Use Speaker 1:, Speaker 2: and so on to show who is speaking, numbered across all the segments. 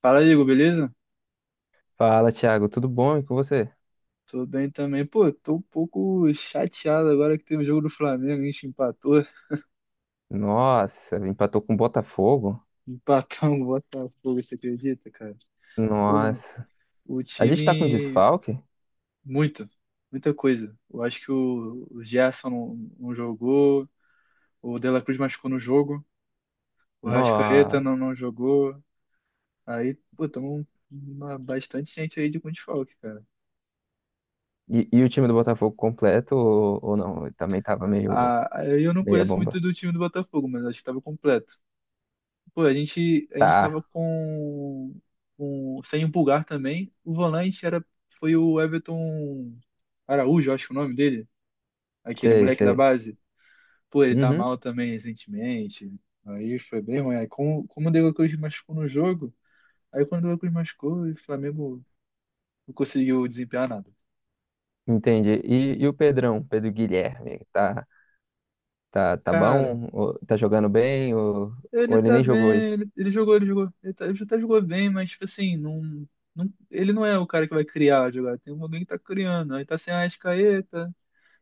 Speaker 1: Fala, Igor, beleza?
Speaker 2: Fala, Thiago, tudo bom? E com você?
Speaker 1: Tô bem também. Pô, tô um pouco chateado agora que teve o jogo do Flamengo, a gente empatou.
Speaker 2: Nossa, empatou com o Botafogo?
Speaker 1: Empatamos o Botafogo, você acredita, cara? Pô,
Speaker 2: Nossa.
Speaker 1: o
Speaker 2: A gente tá com
Speaker 1: time,
Speaker 2: desfalque?
Speaker 1: muito, muita coisa. Eu acho que o Gerson não jogou, o De La Cruz machucou no jogo, o Arrascaeta
Speaker 2: Nossa.
Speaker 1: não jogou. Aí, pô, tamo bastante gente aí de com desfalque, cara.
Speaker 2: E o time do Botafogo completo ou não? Ele também tava meio
Speaker 1: Ah, aí eu não
Speaker 2: meia
Speaker 1: conheço muito
Speaker 2: bomba.
Speaker 1: do time do Botafogo, mas acho que tava completo. Pô, a gente
Speaker 2: Tá,
Speaker 1: tava sem o Pulgar também. O volante era, foi o Everton Araújo, acho que é o nome dele. Aquele
Speaker 2: sei,
Speaker 1: moleque da
Speaker 2: sei.
Speaker 1: base. Pô, ele tá
Speaker 2: Uhum,
Speaker 1: mal também recentemente. Aí foi bem ruim. Aí, como o De La Cruz machucou no jogo, aí quando o De La Cruz machucou, o Flamengo não conseguiu desempenhar nada.
Speaker 2: entendi. E o Pedrão, Pedro Guilherme, tá
Speaker 1: Cara,
Speaker 2: bom? Ou tá jogando bem?
Speaker 1: ele
Speaker 2: Ou ele
Speaker 1: tá
Speaker 2: nem jogou
Speaker 1: bem,
Speaker 2: hoje?
Speaker 1: ele jogou. Ele até jogou bem, mas, tipo assim, ele não é o cara que vai criar a jogada. Tem alguém que tá criando. Aí tá sem a Arrascaeta.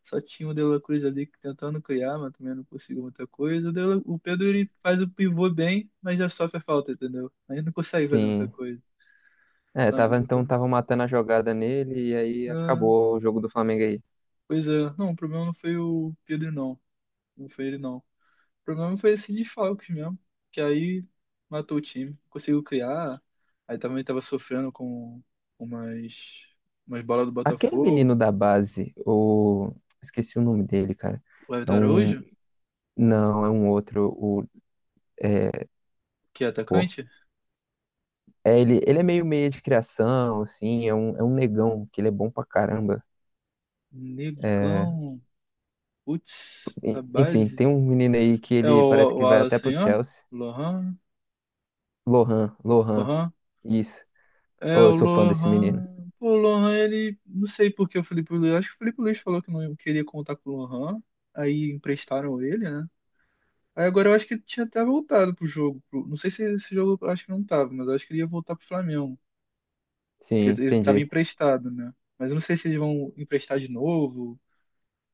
Speaker 1: Só tinha o De La Cruz ali que tentando criar, mas também não conseguiu muita coisa. O Pedro ele faz o pivô bem, mas já sofre a falta, entendeu? Aí não consegue fazer muita
Speaker 2: Sim.
Speaker 1: coisa.
Speaker 2: É, tava, então tava matando a jogada nele e aí
Speaker 1: Ah,
Speaker 2: acabou o jogo do Flamengo aí.
Speaker 1: pois é, não, o problema não foi o Pedro, não. Não foi ele, não. O problema foi esse desfalques mesmo, que aí matou o time. Conseguiu criar, aí também tava sofrendo com umas, umas bolas do
Speaker 2: Aquele menino
Speaker 1: Botafogo.
Speaker 2: da base, o... Esqueci o nome dele, cara.
Speaker 1: O
Speaker 2: É
Speaker 1: Everton
Speaker 2: um...
Speaker 1: Araújo,
Speaker 2: Não, é um outro. O... É...
Speaker 1: que é
Speaker 2: Pô.
Speaker 1: atacante,
Speaker 2: É, ele é meio meio de criação, assim. É um negão, que ele é bom pra caramba. É...
Speaker 1: negão, putz, a
Speaker 2: Enfim,
Speaker 1: base.
Speaker 2: tem um menino aí que
Speaker 1: É o,
Speaker 2: ele parece
Speaker 1: o
Speaker 2: que vai até
Speaker 1: Wallace,
Speaker 2: pro
Speaker 1: ó.
Speaker 2: Chelsea.
Speaker 1: Lohan,
Speaker 2: Lohan, Lohan.
Speaker 1: Lohan.
Speaker 2: Isso.
Speaker 1: É
Speaker 2: Oh, eu
Speaker 1: o
Speaker 2: sou fã desse menino.
Speaker 1: Lohan. Pô, o Lohan, ele. Não sei por que o Felipe Luiz. Acho que o Felipe Luiz falou que não queria contar com o Lohan. Aí emprestaram ele, né? Aí agora eu acho que ele tinha até voltado pro jogo. Não sei se esse jogo eu acho que não tava, mas eu acho que ele ia voltar pro Flamengo.
Speaker 2: Sim,
Speaker 1: Porque ele tava
Speaker 2: entendi.
Speaker 1: emprestado, né? Mas eu não sei se eles vão emprestar de novo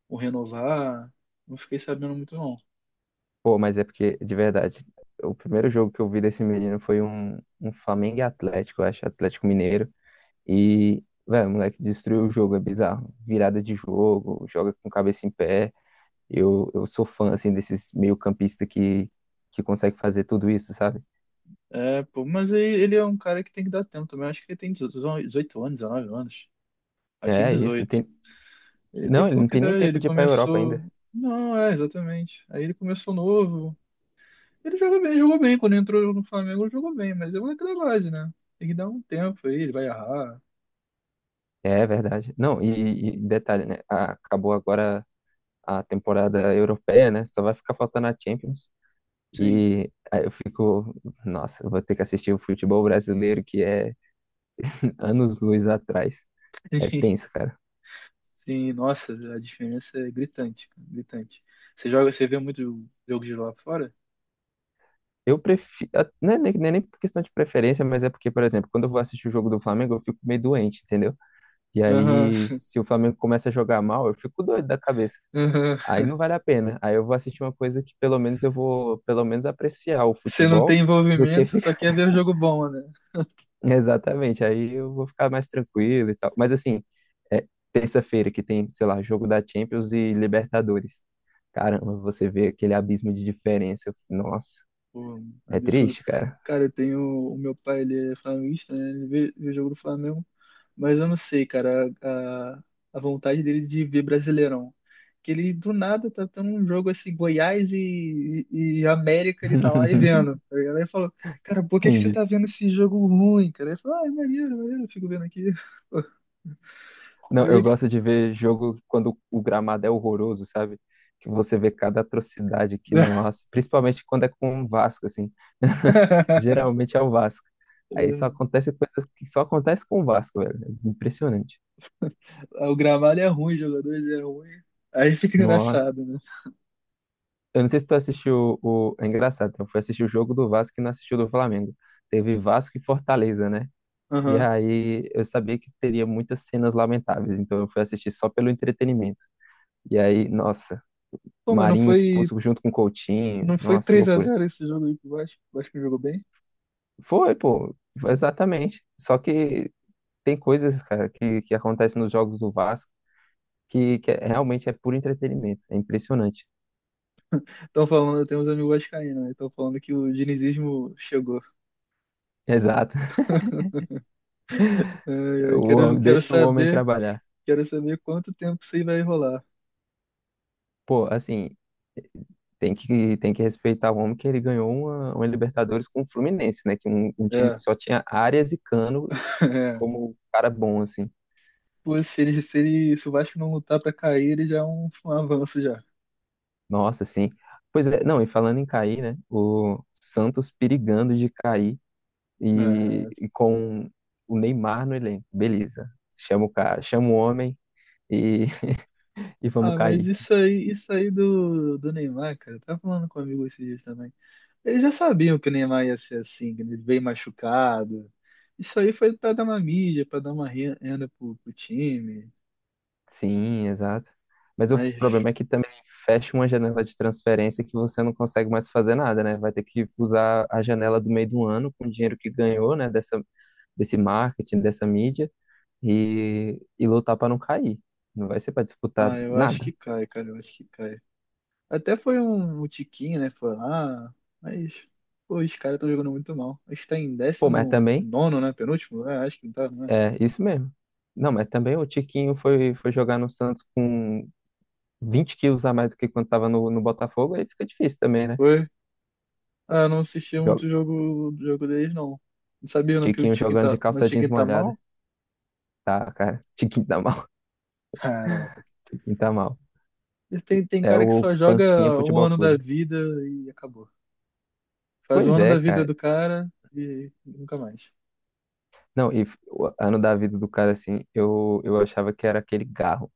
Speaker 1: ou renovar. Não fiquei sabendo muito, não.
Speaker 2: Pô, mas é porque, de verdade, o primeiro jogo que eu vi desse menino foi um Flamengo e Atlético, eu acho, Atlético Mineiro. E, velho, o moleque destruiu o jogo, é bizarro. Virada de jogo, joga com cabeça em pé. Eu sou fã, assim, desses meio-campista que consegue fazer tudo isso, sabe?
Speaker 1: É, pô, mas aí ele é um cara que tem que dar tempo também. Acho que ele tem 18 anos, 19 anos. Aí tem
Speaker 2: É isso, não
Speaker 1: 18.
Speaker 2: tem...
Speaker 1: Ele tem
Speaker 2: Não, ele não
Speaker 1: pouca
Speaker 2: tem nem
Speaker 1: idade,
Speaker 2: tempo
Speaker 1: ele
Speaker 2: de ir pra Europa ainda.
Speaker 1: começou. Não, é, exatamente. Aí ele começou novo. Ele joga bem, jogou bem. Quando entrou no Flamengo, ele jogou bem, mas é aquela base, né? Tem que dar um tempo aí, ele vai errar.
Speaker 2: É verdade. Não, e detalhe, né? Acabou agora a temporada europeia, né? Só vai ficar faltando a Champions.
Speaker 1: Sim.
Speaker 2: E aí eu fico, nossa, eu vou ter que assistir o futebol brasileiro que é anos-luz atrás. É tenso, cara.
Speaker 1: Sim, nossa, a diferença é gritante, cara, gritante. Você joga, você vê muito jogo de lá fora?
Speaker 2: Eu prefiro. Não é nem por questão de preferência, mas é porque, por exemplo, quando eu vou assistir o jogo do Flamengo, eu fico meio doente, entendeu? E
Speaker 1: Aham,
Speaker 2: aí, se o Flamengo começa a jogar mal, eu fico doido da cabeça.
Speaker 1: aham.
Speaker 2: Aí não vale a pena. Aí eu vou assistir uma coisa que pelo menos eu vou, pelo menos apreciar o
Speaker 1: Você não
Speaker 2: futebol
Speaker 1: tem
Speaker 2: do que
Speaker 1: envolvimento, você só
Speaker 2: ficar.
Speaker 1: quer ver o jogo bom, né?
Speaker 2: Exatamente. Aí eu vou ficar mais tranquilo e tal. Mas assim, é terça-feira que tem, sei lá, jogo da Champions e Libertadores. Caramba, você vê aquele abismo de diferença. Nossa,
Speaker 1: Pô,
Speaker 2: é
Speaker 1: absurdo.
Speaker 2: triste, cara.
Speaker 1: Cara, eu tenho. O meu pai, ele é flamenguista, né? Ele vê o jogo do Flamengo. Mas eu não sei, cara, a vontade dele de ver Brasileirão. Que ele do nada tá tendo um jogo assim, Goiás e América, ele tá lá e vendo. Tá ligado? Aí ele falou, cara, por que que você
Speaker 2: Entendi.
Speaker 1: tá vendo esse jogo ruim, cara? Ele falou, ah, é maneiro, eu fico vendo aqui.
Speaker 2: Não, eu
Speaker 1: Aí.
Speaker 2: gosto de ver jogo quando o gramado é horroroso, sabe? Que você vê cada atrocidade que, nossa, principalmente quando é com o Vasco, assim. Geralmente é o Vasco. Aí só
Speaker 1: É,
Speaker 2: acontece coisa que só acontece com o Vasco, velho. É impressionante.
Speaker 1: o gramado é ruim, os jogadores é ruim. Aí fica
Speaker 2: Nossa.
Speaker 1: engraçado, né?
Speaker 2: Eu não sei se tu assistiu o. É engraçado, eu fui assistir o jogo do Vasco e não assisti o do Flamengo. Teve Vasco e Fortaleza, né? E
Speaker 1: Aham.
Speaker 2: aí eu sabia que teria muitas cenas lamentáveis, então eu fui assistir só pelo entretenimento. E aí, nossa.
Speaker 1: Pô, mas não
Speaker 2: Marinho
Speaker 1: foi.
Speaker 2: expulso junto com o Coutinho.
Speaker 1: Não foi
Speaker 2: Nossa,
Speaker 1: três a
Speaker 2: loucura.
Speaker 1: zero esse jogo aí pro Vasco. O Vasco jogou bem.
Speaker 2: Foi, pô, exatamente. Só que tem coisas, cara, que acontecem nos jogos do Vasco que, realmente é puro entretenimento. É impressionante.
Speaker 1: Estão falando, eu tenho uns amigos vascaínos, né? Estão falando que o dinizismo chegou.
Speaker 2: Exato.
Speaker 1: É, é,
Speaker 2: O
Speaker 1: quero,
Speaker 2: homem,
Speaker 1: quero
Speaker 2: deixa o homem
Speaker 1: saber,
Speaker 2: trabalhar.
Speaker 1: quero saber quanto tempo isso aí vai rolar.
Speaker 2: Pô, assim, tem que respeitar o homem que ele ganhou uma Libertadores com o Fluminense, né? Que um time
Speaker 1: É,
Speaker 2: que só tinha Arias e Cano
Speaker 1: é.
Speaker 2: como um cara bom, assim.
Speaker 1: Pô, se o Vasco não lutar pra cair, ele já é um avanço já.
Speaker 2: Nossa, assim. Pois é, não, e falando em cair, né? O Santos perigando de cair. e,
Speaker 1: É.
Speaker 2: e com o Neymar no elenco. Beleza. Chama o cara, chama o homem e, e vamos
Speaker 1: Ah, mas
Speaker 2: cair.
Speaker 1: isso aí do Neymar, cara, eu tava falando com um amigo esses dias também. Eles já sabiam que o Neymar ia ser assim, que ele veio machucado. Isso aí foi pra dar uma mídia, pra dar uma renda pro time.
Speaker 2: Sim, exato. Mas o
Speaker 1: Mas,
Speaker 2: problema é que também fecha uma janela de transferência que você não consegue mais fazer nada, né? Vai ter que usar a janela do meio do ano com o dinheiro que ganhou, né? Dessa, desse marketing, dessa mídia e lutar para não cair. Não vai ser para disputar
Speaker 1: ah, eu acho
Speaker 2: nada.
Speaker 1: que cai, cara, eu acho que cai. Até foi um tiquinho, né? Foi lá, mas, pô, os caras estão jogando muito mal. Acho que tá em
Speaker 2: Pô, mas
Speaker 1: décimo
Speaker 2: também
Speaker 1: nono, né? Penúltimo? É, acho que não tá, né?
Speaker 2: é isso mesmo. Não, mas também o Tiquinho foi, foi jogar no Santos com 20 quilos a mais do que quando estava no, no Botafogo, aí fica difícil também, né?
Speaker 1: Foi. Ah, eu não assisti muito
Speaker 2: Joga-
Speaker 1: o jogo deles, não. Não sabia não que o
Speaker 2: Tiquinho
Speaker 1: tiquinho
Speaker 2: jogando de
Speaker 1: tá, meu
Speaker 2: calça jeans
Speaker 1: tiquinho tá mal?
Speaker 2: molhada. Tá, cara. Tiquinho tá mal.
Speaker 1: Caraca.
Speaker 2: Tiquinho tá mal.
Speaker 1: Tem
Speaker 2: É
Speaker 1: cara que
Speaker 2: o
Speaker 1: só
Speaker 2: Pancinha
Speaker 1: joga um
Speaker 2: Futebol
Speaker 1: ano da
Speaker 2: Clube.
Speaker 1: vida e acabou. Faz um
Speaker 2: Pois
Speaker 1: ano
Speaker 2: é,
Speaker 1: da vida
Speaker 2: cara.
Speaker 1: do cara e nunca mais.
Speaker 2: Não, o ano da vida do cara, assim, eu achava que era aquele Garro,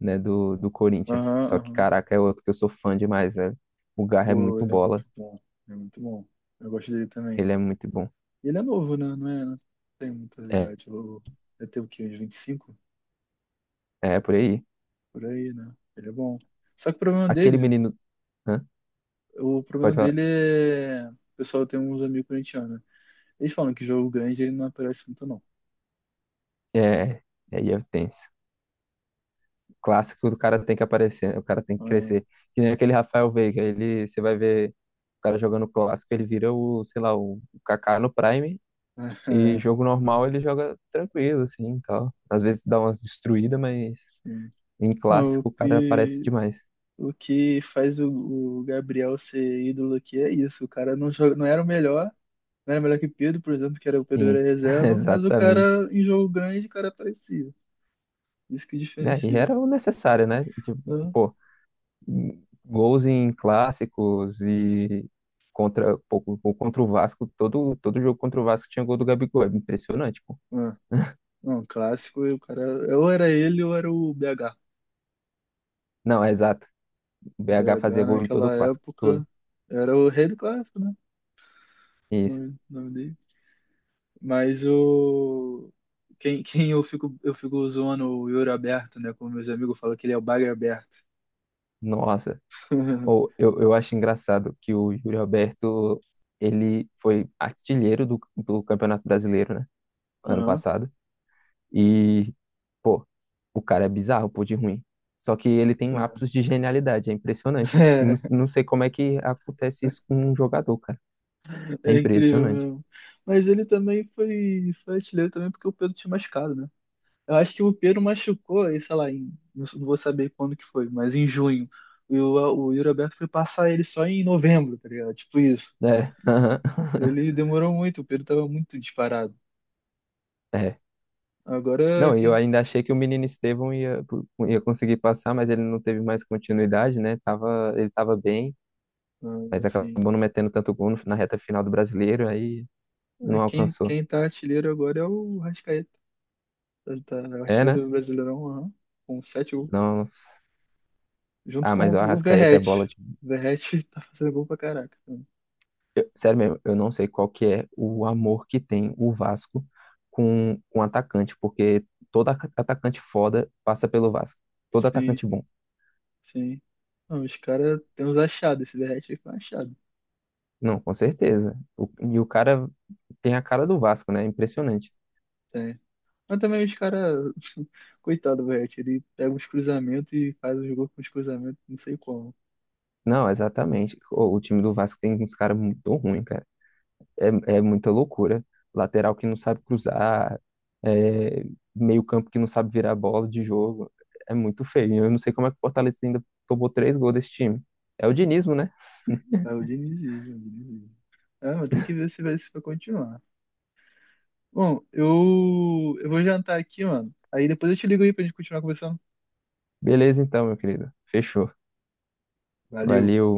Speaker 2: né, do, do Corinthians.
Speaker 1: Aham,
Speaker 2: Só que,
Speaker 1: aham.
Speaker 2: caraca, é outro que eu sou fã demais, velho. O Garro é
Speaker 1: Pô,
Speaker 2: muito
Speaker 1: ele é muito
Speaker 2: bola.
Speaker 1: bom. Ele é muito bom. Eu gosto dele também.
Speaker 2: Ele é muito bom.
Speaker 1: E ele é novo, né? Não é, não tem muita
Speaker 2: É,
Speaker 1: idade. Ele deve ter o quê? Uns 25.
Speaker 2: é por aí.
Speaker 1: Por aí, né? Ele é bom. Só que o problema
Speaker 2: Aquele
Speaker 1: dele,
Speaker 2: menino. Hã?
Speaker 1: o
Speaker 2: Pode
Speaker 1: problema
Speaker 2: falar.
Speaker 1: dele é. O pessoal tem uns amigos corintianos, né? Eles falam que jogo grande ele não aparece muito, não.
Speaker 2: É, é tenso. Clássico do cara tem que aparecer, né? O cara tem que crescer. Que nem aquele Rafael Veiga, ele, você vai ver o cara jogando clássico, ele vira o, sei lá, o Kaká no Prime,
Speaker 1: É,
Speaker 2: e
Speaker 1: é,
Speaker 2: jogo normal ele joga tranquilo, assim, e tal. Às vezes dá umas destruídas, mas
Speaker 1: sim.
Speaker 2: em
Speaker 1: Não, o
Speaker 2: clássico o cara aparece
Speaker 1: que,
Speaker 2: demais.
Speaker 1: o que faz o Gabriel ser ídolo aqui é isso. O cara não joga, não era o melhor, não era melhor que o Pedro, por exemplo, que era o Pedro era
Speaker 2: Sim,
Speaker 1: reserva, mas o
Speaker 2: exatamente.
Speaker 1: cara em jogo grande, o cara aparecia. Isso que
Speaker 2: Né e
Speaker 1: diferencia,
Speaker 2: era o necessário, né? Tipo,
Speaker 1: né?
Speaker 2: pô, gols em clássicos e contra, pô, pô, contra o Vasco, todo jogo contra o Vasco tinha gol do Gabigol, é impressionante.
Speaker 1: É. Não, um clássico, e o cara, ou era ele ou era o BH.
Speaker 2: Não, é exato. O BH fazia
Speaker 1: BH
Speaker 2: gol em todo o
Speaker 1: naquela
Speaker 2: clássico,
Speaker 1: época
Speaker 2: todo.
Speaker 1: era o rei do clássico, né? O
Speaker 2: Isso.
Speaker 1: Nome, o nome dele. Mas quem eu fico zoando o Yuri Alberto, né? Como meus amigos falam que ele é o Bagre Aberto.
Speaker 2: Nossa. Ou eu acho engraçado que o Yuri Alberto, ele foi artilheiro do, do Campeonato Brasileiro, né? Ano
Speaker 1: Aham.
Speaker 2: passado. E, pô, o cara é bizarro, pô, de ruim. Só que ele tem lapsos de genialidade, é impressionante. Não,
Speaker 1: É,
Speaker 2: não sei como é que acontece isso com um jogador, cara. É
Speaker 1: é incrível
Speaker 2: impressionante.
Speaker 1: mesmo. Mas ele também foi artilheiro também porque o Pedro tinha machucado, né? Eu acho que o Pedro machucou, aí, sei lá, não vou saber quando que foi, mas em junho. E o Yuri Alberto foi passar ele só em novembro, tá ligado? Tipo isso.
Speaker 2: É, aham.
Speaker 1: Ele demorou muito, o Pedro tava muito disparado.
Speaker 2: É,
Speaker 1: Agora
Speaker 2: não, e eu
Speaker 1: quem,
Speaker 2: ainda achei que o menino Estevão ia, ia conseguir passar, mas ele não teve mais continuidade, né? Tava, ele tava bem,
Speaker 1: ah,
Speaker 2: mas
Speaker 1: assim,
Speaker 2: acabou não metendo tanto gol na reta final do Brasileiro, aí
Speaker 1: é
Speaker 2: não
Speaker 1: quem,
Speaker 2: alcançou.
Speaker 1: quem tá artilheiro agora é o Rascaeta. Ele tá
Speaker 2: É, né?
Speaker 1: artilheiro do Brasileirão, aham, com 7 gols.
Speaker 2: Nossa.
Speaker 1: Junto
Speaker 2: Ah,
Speaker 1: com
Speaker 2: mas o
Speaker 1: o
Speaker 2: Arrascaeta é bola
Speaker 1: Verratti.
Speaker 2: de...
Speaker 1: O Verratti tá fazendo gol pra caraca.
Speaker 2: sério mesmo, eu não sei qual que é o amor que tem o Vasco com um atacante, porque todo atacante foda passa pelo Vasco. Todo
Speaker 1: Sim,
Speaker 2: atacante bom.
Speaker 1: sim. Não, os caras têm uns achados, esse Verratti aí foi um achado.
Speaker 2: Não, com certeza. O- e o cara tem a cara do Vasco, né? É impressionante.
Speaker 1: Tem, Mas também os caras, coitado, do Verratti, ele pega uns cruzamentos e faz os gols com os cruzamentos, não sei como.
Speaker 2: Não, exatamente. O time do Vasco tem uns caras muito ruins, cara. É, é muita loucura. Lateral que não sabe cruzar, é, meio-campo que não sabe virar bola de jogo. É muito feio. Eu não sei como é que o Fortaleza ainda tomou três gols desse time. É o dinismo, né?
Speaker 1: É o Diniz, é o Diniz. É, mas tem que ver se vai continuar. Bom, eu vou jantar aqui, mano. Aí depois eu te ligo aí pra gente continuar conversando.
Speaker 2: Beleza, então, meu querido. Fechou.
Speaker 1: Valeu.
Speaker 2: Valeu.